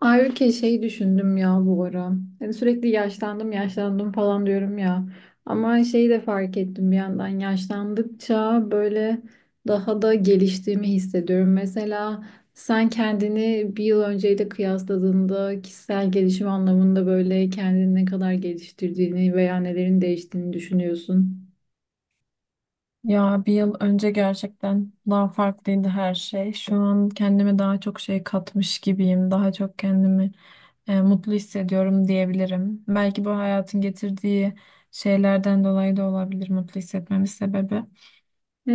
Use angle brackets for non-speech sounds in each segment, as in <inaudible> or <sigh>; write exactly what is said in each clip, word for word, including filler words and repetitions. Ayrıca şey düşündüm ya bu ara. Hani sürekli yaşlandım yaşlandım falan diyorum ya. Ama şeyi de fark ettim bir yandan yaşlandıkça böyle daha da geliştiğimi hissediyorum. Mesela sen kendini bir yıl önceyle kıyasladığında kişisel gelişim anlamında böyle kendini ne kadar geliştirdiğini veya nelerin değiştiğini düşünüyorsun. Ya bir yıl önce gerçekten daha farklıydı her şey. Şu an kendime daha çok şey katmış gibiyim. Daha çok kendimi e, mutlu hissediyorum diyebilirim. Belki bu hayatın getirdiği şeylerden dolayı da olabilir mutlu hissetmemin sebebi.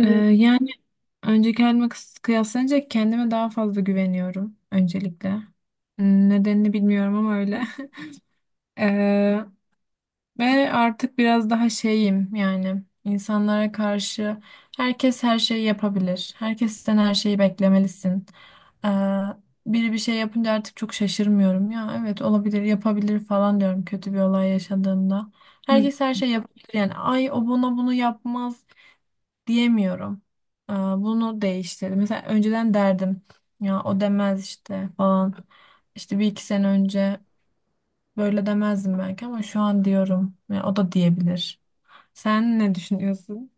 E, yani önceki halime kıs- kıyaslanınca kendime daha fazla güveniyorum öncelikle. Nedenini bilmiyorum ama öyle. <laughs> Ve artık biraz daha şeyim, yani insanlara karşı herkes her şeyi yapabilir. Herkesten her şeyi beklemelisin. Ee, biri bir şey yapınca artık çok şaşırmıyorum. Ya evet, olabilir, yapabilir falan diyorum kötü bir olay yaşadığımda. Herkes her şey yapabilir, yani ay o bana bunu yapmaz diyemiyorum. Ee, bunu değiştirdi. Mesela önceden derdim ya o demez işte falan. İşte bir iki sene önce. Böyle demezdim belki ama şu an diyorum. Ya o da diyebilir. Sen ne düşünüyorsun?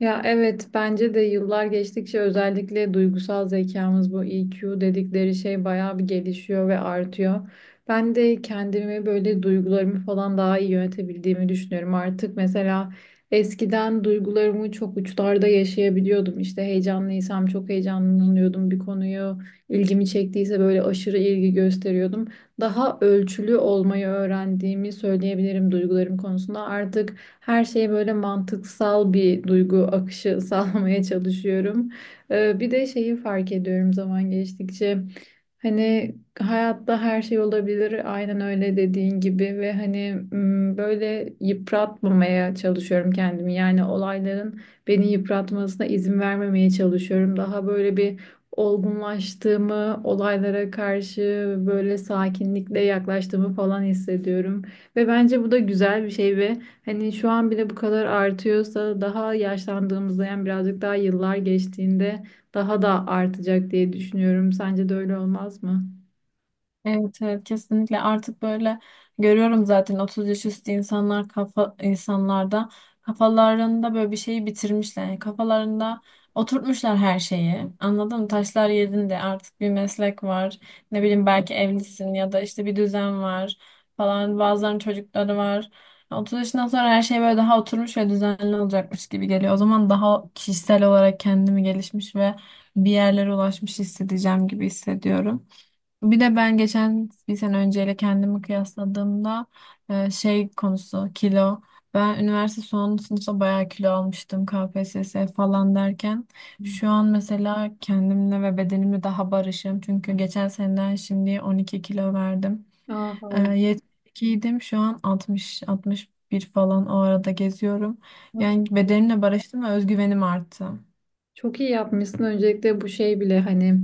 Ya evet, bence de yıllar geçtikçe özellikle duygusal zekamız, bu E Q dedikleri şey, bayağı bir gelişiyor ve artıyor. Ben de kendimi böyle duygularımı falan daha iyi yönetebildiğimi düşünüyorum. Artık mesela eskiden duygularımı çok uçlarda yaşayabiliyordum. İşte heyecanlıysam çok heyecanlanıyordum bir konuyu ilgimi çektiyse böyle aşırı ilgi gösteriyordum. Daha ölçülü olmayı öğrendiğimi söyleyebilirim duygularım konusunda. Artık her şeye böyle mantıksal bir duygu akışı <laughs> sağlamaya çalışıyorum. Ee, bir de şeyi fark ediyorum zaman geçtikçe. Hani hayatta her şey olabilir, aynen öyle dediğin gibi ve hani m, böyle yıpratmamaya çalışıyorum kendimi. Yani olayların beni yıpratmasına izin vermemeye çalışıyorum. Daha böyle bir olgunlaştığımı, olaylara karşı böyle sakinlikle yaklaştığımı falan hissediyorum. Ve bence bu da güzel bir şey ve hani şu an bile bu kadar artıyorsa daha yaşlandığımızda, yani birazcık daha yıllar geçtiğinde, daha da artacak diye düşünüyorum. Sence de öyle olmaz mı? Evet, evet, kesinlikle artık böyle görüyorum zaten. otuz yaş üstü insanlar, kafa insanlarda kafalarında böyle bir şeyi bitirmişler. Yani kafalarında oturtmuşlar her şeyi. Anladın mı? Taşlar yerinde, artık bir meslek var. Ne bileyim, belki evlisin ya da işte bir düzen var falan. Bazılarının çocukları var. otuz yaşından sonra her şey böyle daha oturmuş ve düzenli olacakmış gibi geliyor. O zaman daha kişisel olarak kendimi gelişmiş ve bir yerlere ulaşmış hissedeceğim gibi hissediyorum. Bir de ben geçen bir sene önceyle kendimi kıyasladığımda e, şey, konusu kilo. Ben üniversite son sınıfta bayağı kilo almıştım, K P S S falan derken. Şu an mesela kendimle ve bedenimle daha barışım. Çünkü geçen seneden şimdi on iki kilo verdim. Aa, E, harika. yetmiş ikiydim, şu an altmış altmış bir falan o arada geziyorum. Yani bedenimle barıştım ve özgüvenim arttı. Çok iyi yapmışsın. Öncelikle bu şey bile hani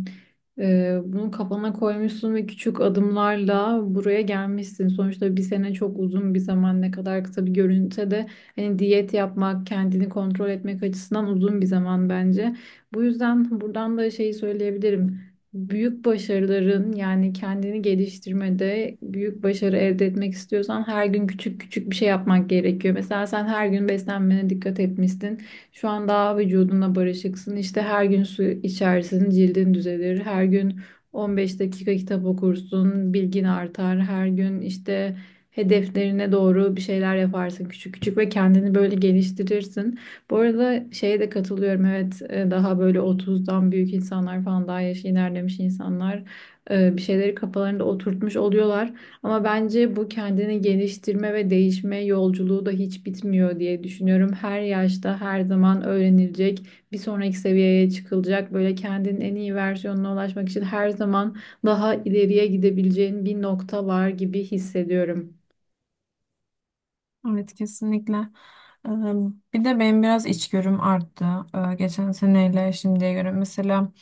e, bunu kafana koymuşsun ve küçük adımlarla buraya gelmişsin. Sonuçta bir sene çok uzun bir zaman, ne kadar kısa bir görünse de hani diyet yapmak, kendini kontrol etmek açısından uzun bir zaman bence. Bu yüzden buradan da şeyi söyleyebilirim. Büyük başarıların, yani kendini geliştirmede büyük başarı elde etmek istiyorsan, her gün küçük küçük bir şey yapmak gerekiyor. Mesela sen her gün beslenmene dikkat etmişsin. Şu an daha vücudunla barışıksın. İşte her gün su içersin, cildin düzelir. Her gün on beş dakika kitap okursun, bilgin artar. Her gün işte hedeflerine doğru bir şeyler yaparsın küçük küçük ve kendini böyle geliştirirsin. Bu arada şeye de katılıyorum. Evet, e, daha böyle otuzdan büyük insanlar falan, daha yaşı ilerlemiş insanlar, e, bir şeyleri kafalarında oturtmuş oluyorlar. Ama bence bu kendini geliştirme ve değişme yolculuğu da hiç bitmiyor diye düşünüyorum. Her yaşta her zaman öğrenilecek, bir sonraki seviyeye çıkılacak. Böyle kendinin en iyi versiyonuna ulaşmak için her zaman daha ileriye gidebileceğin bir nokta var gibi hissediyorum. Evet, kesinlikle. Ee, Bir de benim biraz içgörüm arttı. Ee, Geçen seneyle şimdiye göre mesela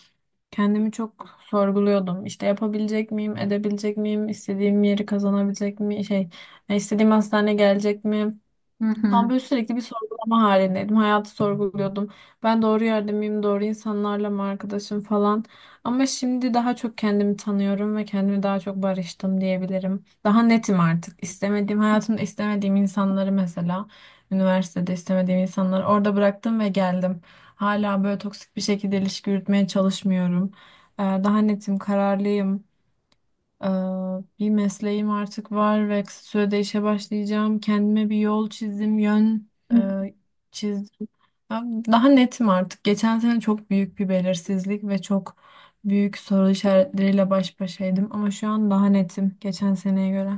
kendimi çok sorguluyordum. İşte yapabilecek miyim, edebilecek miyim, istediğim yeri kazanabilecek mi, şey, e, istediğim hastane gelecek mi? Hı Tam böyle sürekli bir sorgulama halindeydim. Hayatı sorguluyordum. Ben doğru yerde miyim? Doğru insanlarla mı arkadaşım falan. Ama şimdi daha çok kendimi tanıyorum ve kendimi daha çok barıştım diyebilirim. Daha netim artık. İstemediğim, hayatımda istemediğim insanları, mesela üniversitede istemediğim insanları orada bıraktım ve geldim. Hala böyle toksik bir şekilde ilişki yürütmeye çalışmıyorum. Ee, Daha netim, kararlıyım. Ee, bir mesleğim artık var ve kısa sürede işe başlayacağım. Kendime bir yol çizdim, yön hı. e, çizdim. Ya, Daha netim artık. Geçen sene çok büyük bir belirsizlik ve çok büyük soru işaretleriyle baş başaydım ama şu an daha netim geçen seneye göre.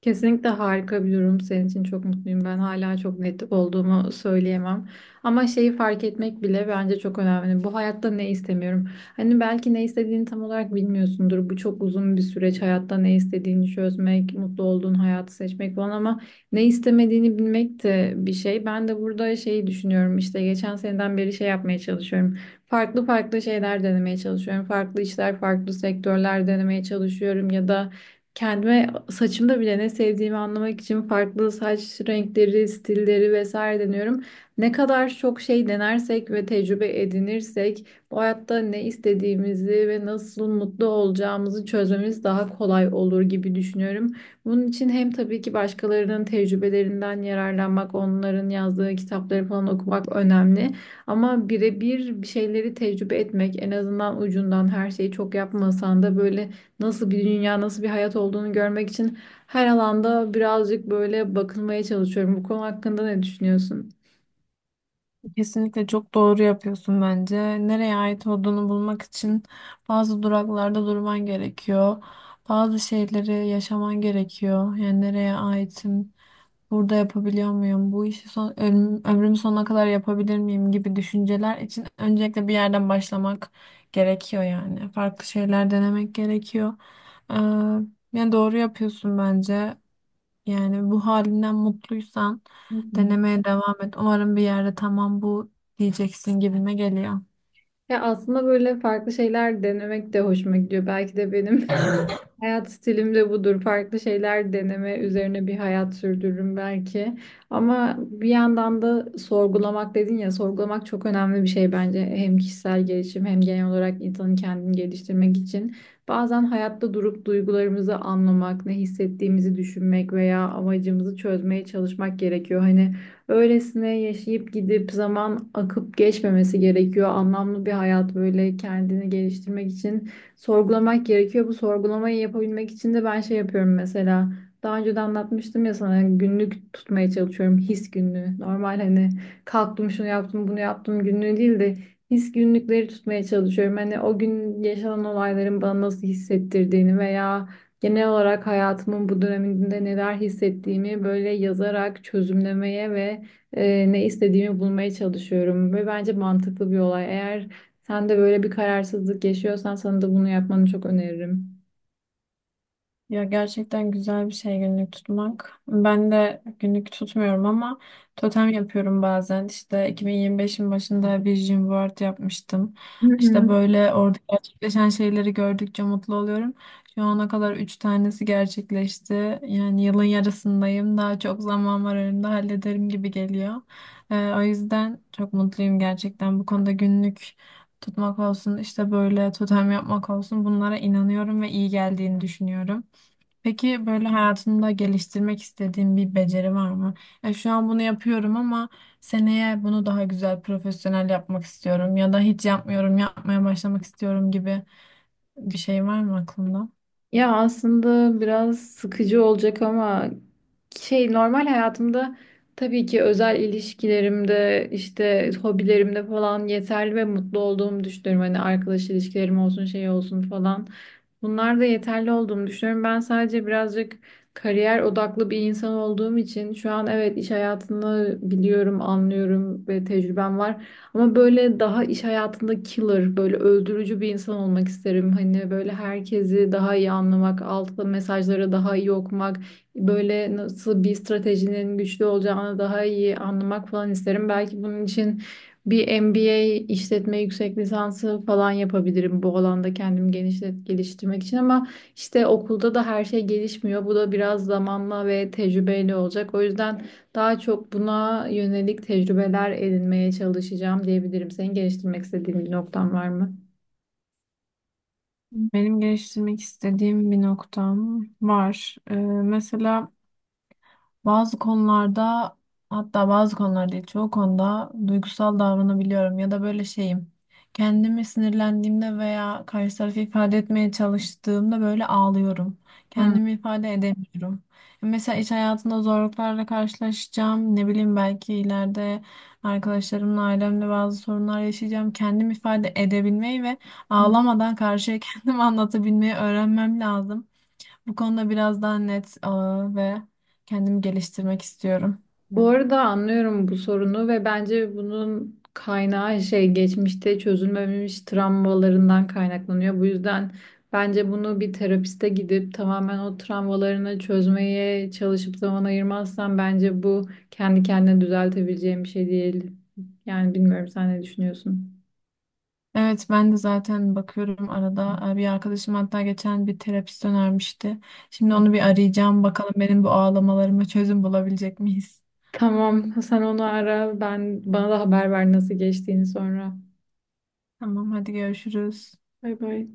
Kesinlikle harika bir durum. Senin için çok mutluyum. Ben hala çok net olduğumu söyleyemem. Ama şeyi fark etmek bile bence çok önemli. Bu hayatta ne istemiyorum? Hani belki ne istediğini tam olarak bilmiyorsundur. Bu çok uzun bir süreç. Hayatta ne istediğini çözmek, mutlu olduğun hayatı seçmek falan, ama ne istemediğini bilmek de bir şey. Ben de burada şeyi düşünüyorum. İşte geçen seneden beri şey yapmaya çalışıyorum. Farklı farklı şeyler denemeye çalışıyorum. Farklı işler, farklı sektörler denemeye çalışıyorum ya da kendime saçımda bile ne sevdiğimi anlamak için farklı saç renkleri, stilleri vesaire deniyorum. Ne kadar çok şey denersek ve tecrübe edinirsek bu hayatta ne istediğimizi ve nasıl mutlu olacağımızı çözmemiz daha kolay olur gibi düşünüyorum. Bunun için hem tabii ki başkalarının tecrübelerinden yararlanmak, onların yazdığı kitapları falan okumak önemli. Ama birebir bir şeyleri tecrübe etmek, en azından ucundan her şeyi çok yapmasan da, böyle nasıl bir dünya, nasıl bir hayat olduğunu görmek için her alanda birazcık böyle bakınmaya çalışıyorum. Bu konu hakkında ne düşünüyorsun? Kesinlikle çok doğru yapıyorsun bence. Nereye ait olduğunu bulmak için bazı duraklarda durman gerekiyor. Bazı şeyleri yaşaman gerekiyor. Yani nereye aitim, burada yapabiliyor muyum, bu işi son, ömrüm, ömrüm sonuna kadar yapabilir miyim gibi düşünceler için öncelikle bir yerden başlamak gerekiyor yani. Farklı şeyler denemek gerekiyor. Ee, yani doğru yapıyorsun bence. Yani bu halinden mutluysan Hı hı. denemeye devam et. Umarım bir yerde tamam bu diyeceksin gibime geliyor. Ya aslında böyle farklı şeyler denemek de hoşuma gidiyor. Belki de benim <laughs> hayat stilim de budur. Farklı şeyler deneme üzerine bir hayat sürdürürüm belki. Ama bir yandan da sorgulamak dedin ya, sorgulamak çok önemli bir şey bence. Hem kişisel gelişim hem genel olarak insanın kendini geliştirmek için. Bazen hayatta durup duygularımızı anlamak, ne hissettiğimizi düşünmek veya amacımızı çözmeye çalışmak gerekiyor. Hani öylesine yaşayıp gidip zaman akıp geçmemesi gerekiyor. Anlamlı bir hayat, böyle kendini geliştirmek için sorgulamak gerekiyor. Bu sorgulamayı yapabilmek için de ben şey yapıyorum mesela. Daha önce de anlatmıştım ya sana, günlük tutmaya çalışıyorum. His günlüğü. Normal hani kalktım şunu yaptım bunu yaptım günlüğü değil de his günlükleri tutmaya çalışıyorum. Hani o gün yaşanan olayların bana nasıl hissettirdiğini veya genel olarak hayatımın bu döneminde neler hissettiğimi böyle yazarak çözümlemeye ve e, ne istediğimi bulmaya çalışıyorum ve bence mantıklı bir olay. Eğer sen de böyle bir kararsızlık yaşıyorsan, sana da bunu yapmanı çok öneririm. Ya, gerçekten güzel bir şey günlük tutmak. Ben de günlük tutmuyorum ama totem yapıyorum bazen. İşte iki bin yirmi beşin başında Vision Board yapmıştım. Hı İşte hı. böyle orada gerçekleşen şeyleri gördükçe mutlu oluyorum. Şu ana kadar üç tanesi gerçekleşti. Yani yılın yarısındayım. Daha çok zaman var önümde, hallederim gibi geliyor. Ee, o yüzden çok mutluyum gerçekten. Bu konuda günlük tutmak olsun, işte böyle totem yapmak olsun, bunlara inanıyorum ve iyi geldiğini düşünüyorum. Peki böyle hayatında geliştirmek istediğin bir beceri var mı? E, şu an bunu yapıyorum ama seneye bunu daha güzel, profesyonel yapmak istiyorum ya da hiç yapmıyorum, yapmaya başlamak istiyorum gibi bir şey var mı aklında? Ya aslında biraz sıkıcı olacak ama şey normal hayatımda tabii ki özel ilişkilerimde, işte hobilerimde falan yeterli ve mutlu olduğumu düşünüyorum. Hani arkadaş ilişkilerim olsun, şey olsun falan, bunlar da yeterli olduğumu düşünüyorum. Ben sadece birazcık kariyer odaklı bir insan olduğum için şu an evet iş hayatını biliyorum, anlıyorum ve tecrübem var. Ama böyle daha iş hayatında killer, böyle öldürücü bir insan olmak isterim. Hani böyle herkesi daha iyi anlamak, altta mesajları daha iyi okumak, böyle nasıl bir stratejinin güçlü olacağını daha iyi anlamak falan isterim. Belki bunun için bir M B A, işletme yüksek lisansı falan yapabilirim bu alanda kendimi genişlet geliştirmek için, ama işte okulda da her şey gelişmiyor. Bu da biraz zamanla ve tecrübeyle olacak. O yüzden daha çok buna yönelik tecrübeler edinmeye çalışacağım diyebilirim. Senin geliştirmek istediğin bir noktan var mı? Benim geliştirmek istediğim bir noktam var. Ee, mesela bazı konularda, hatta bazı konularda değil çoğu konuda duygusal davranabiliyorum ya da böyle şeyim. Kendimi sinirlendiğimde veya karşı tarafı ifade etmeye çalıştığımda böyle ağlıyorum. Hı. Kendimi ifade edemiyorum. E, Mesela iş hayatında zorluklarla karşılaşacağım. Ne bileyim, belki ileride arkadaşlarımla, ailemle bazı sorunlar yaşayacağım. Kendimi ifade edebilmeyi ve ağlamadan karşıya <laughs> kendimi anlatabilmeyi öğrenmem lazım. Bu konuda biraz daha net aa, ve kendimi geliştirmek istiyorum. Bu arada anlıyorum bu sorunu ve bence bunun kaynağı, şey, geçmişte çözülmemiş travmalarından kaynaklanıyor. Bu yüzden bence bunu bir terapiste gidip tamamen o travmalarını çözmeye çalışıp zaman ayırmazsan, bence bu kendi kendine düzeltebileceğin bir şey değil. Yani bilmiyorum, sen ne düşünüyorsun? Evet, ben de zaten bakıyorum arada. Ee, Bir arkadaşım hatta geçen bir terapist önermişti. Şimdi onu bir arayacağım. Bakalım benim bu ağlamalarıma çözüm bulabilecek miyiz? Tamam, sen onu ara, ben, bana da haber ver nasıl geçtiğini sonra. Tamam, hadi görüşürüz. Bay bay.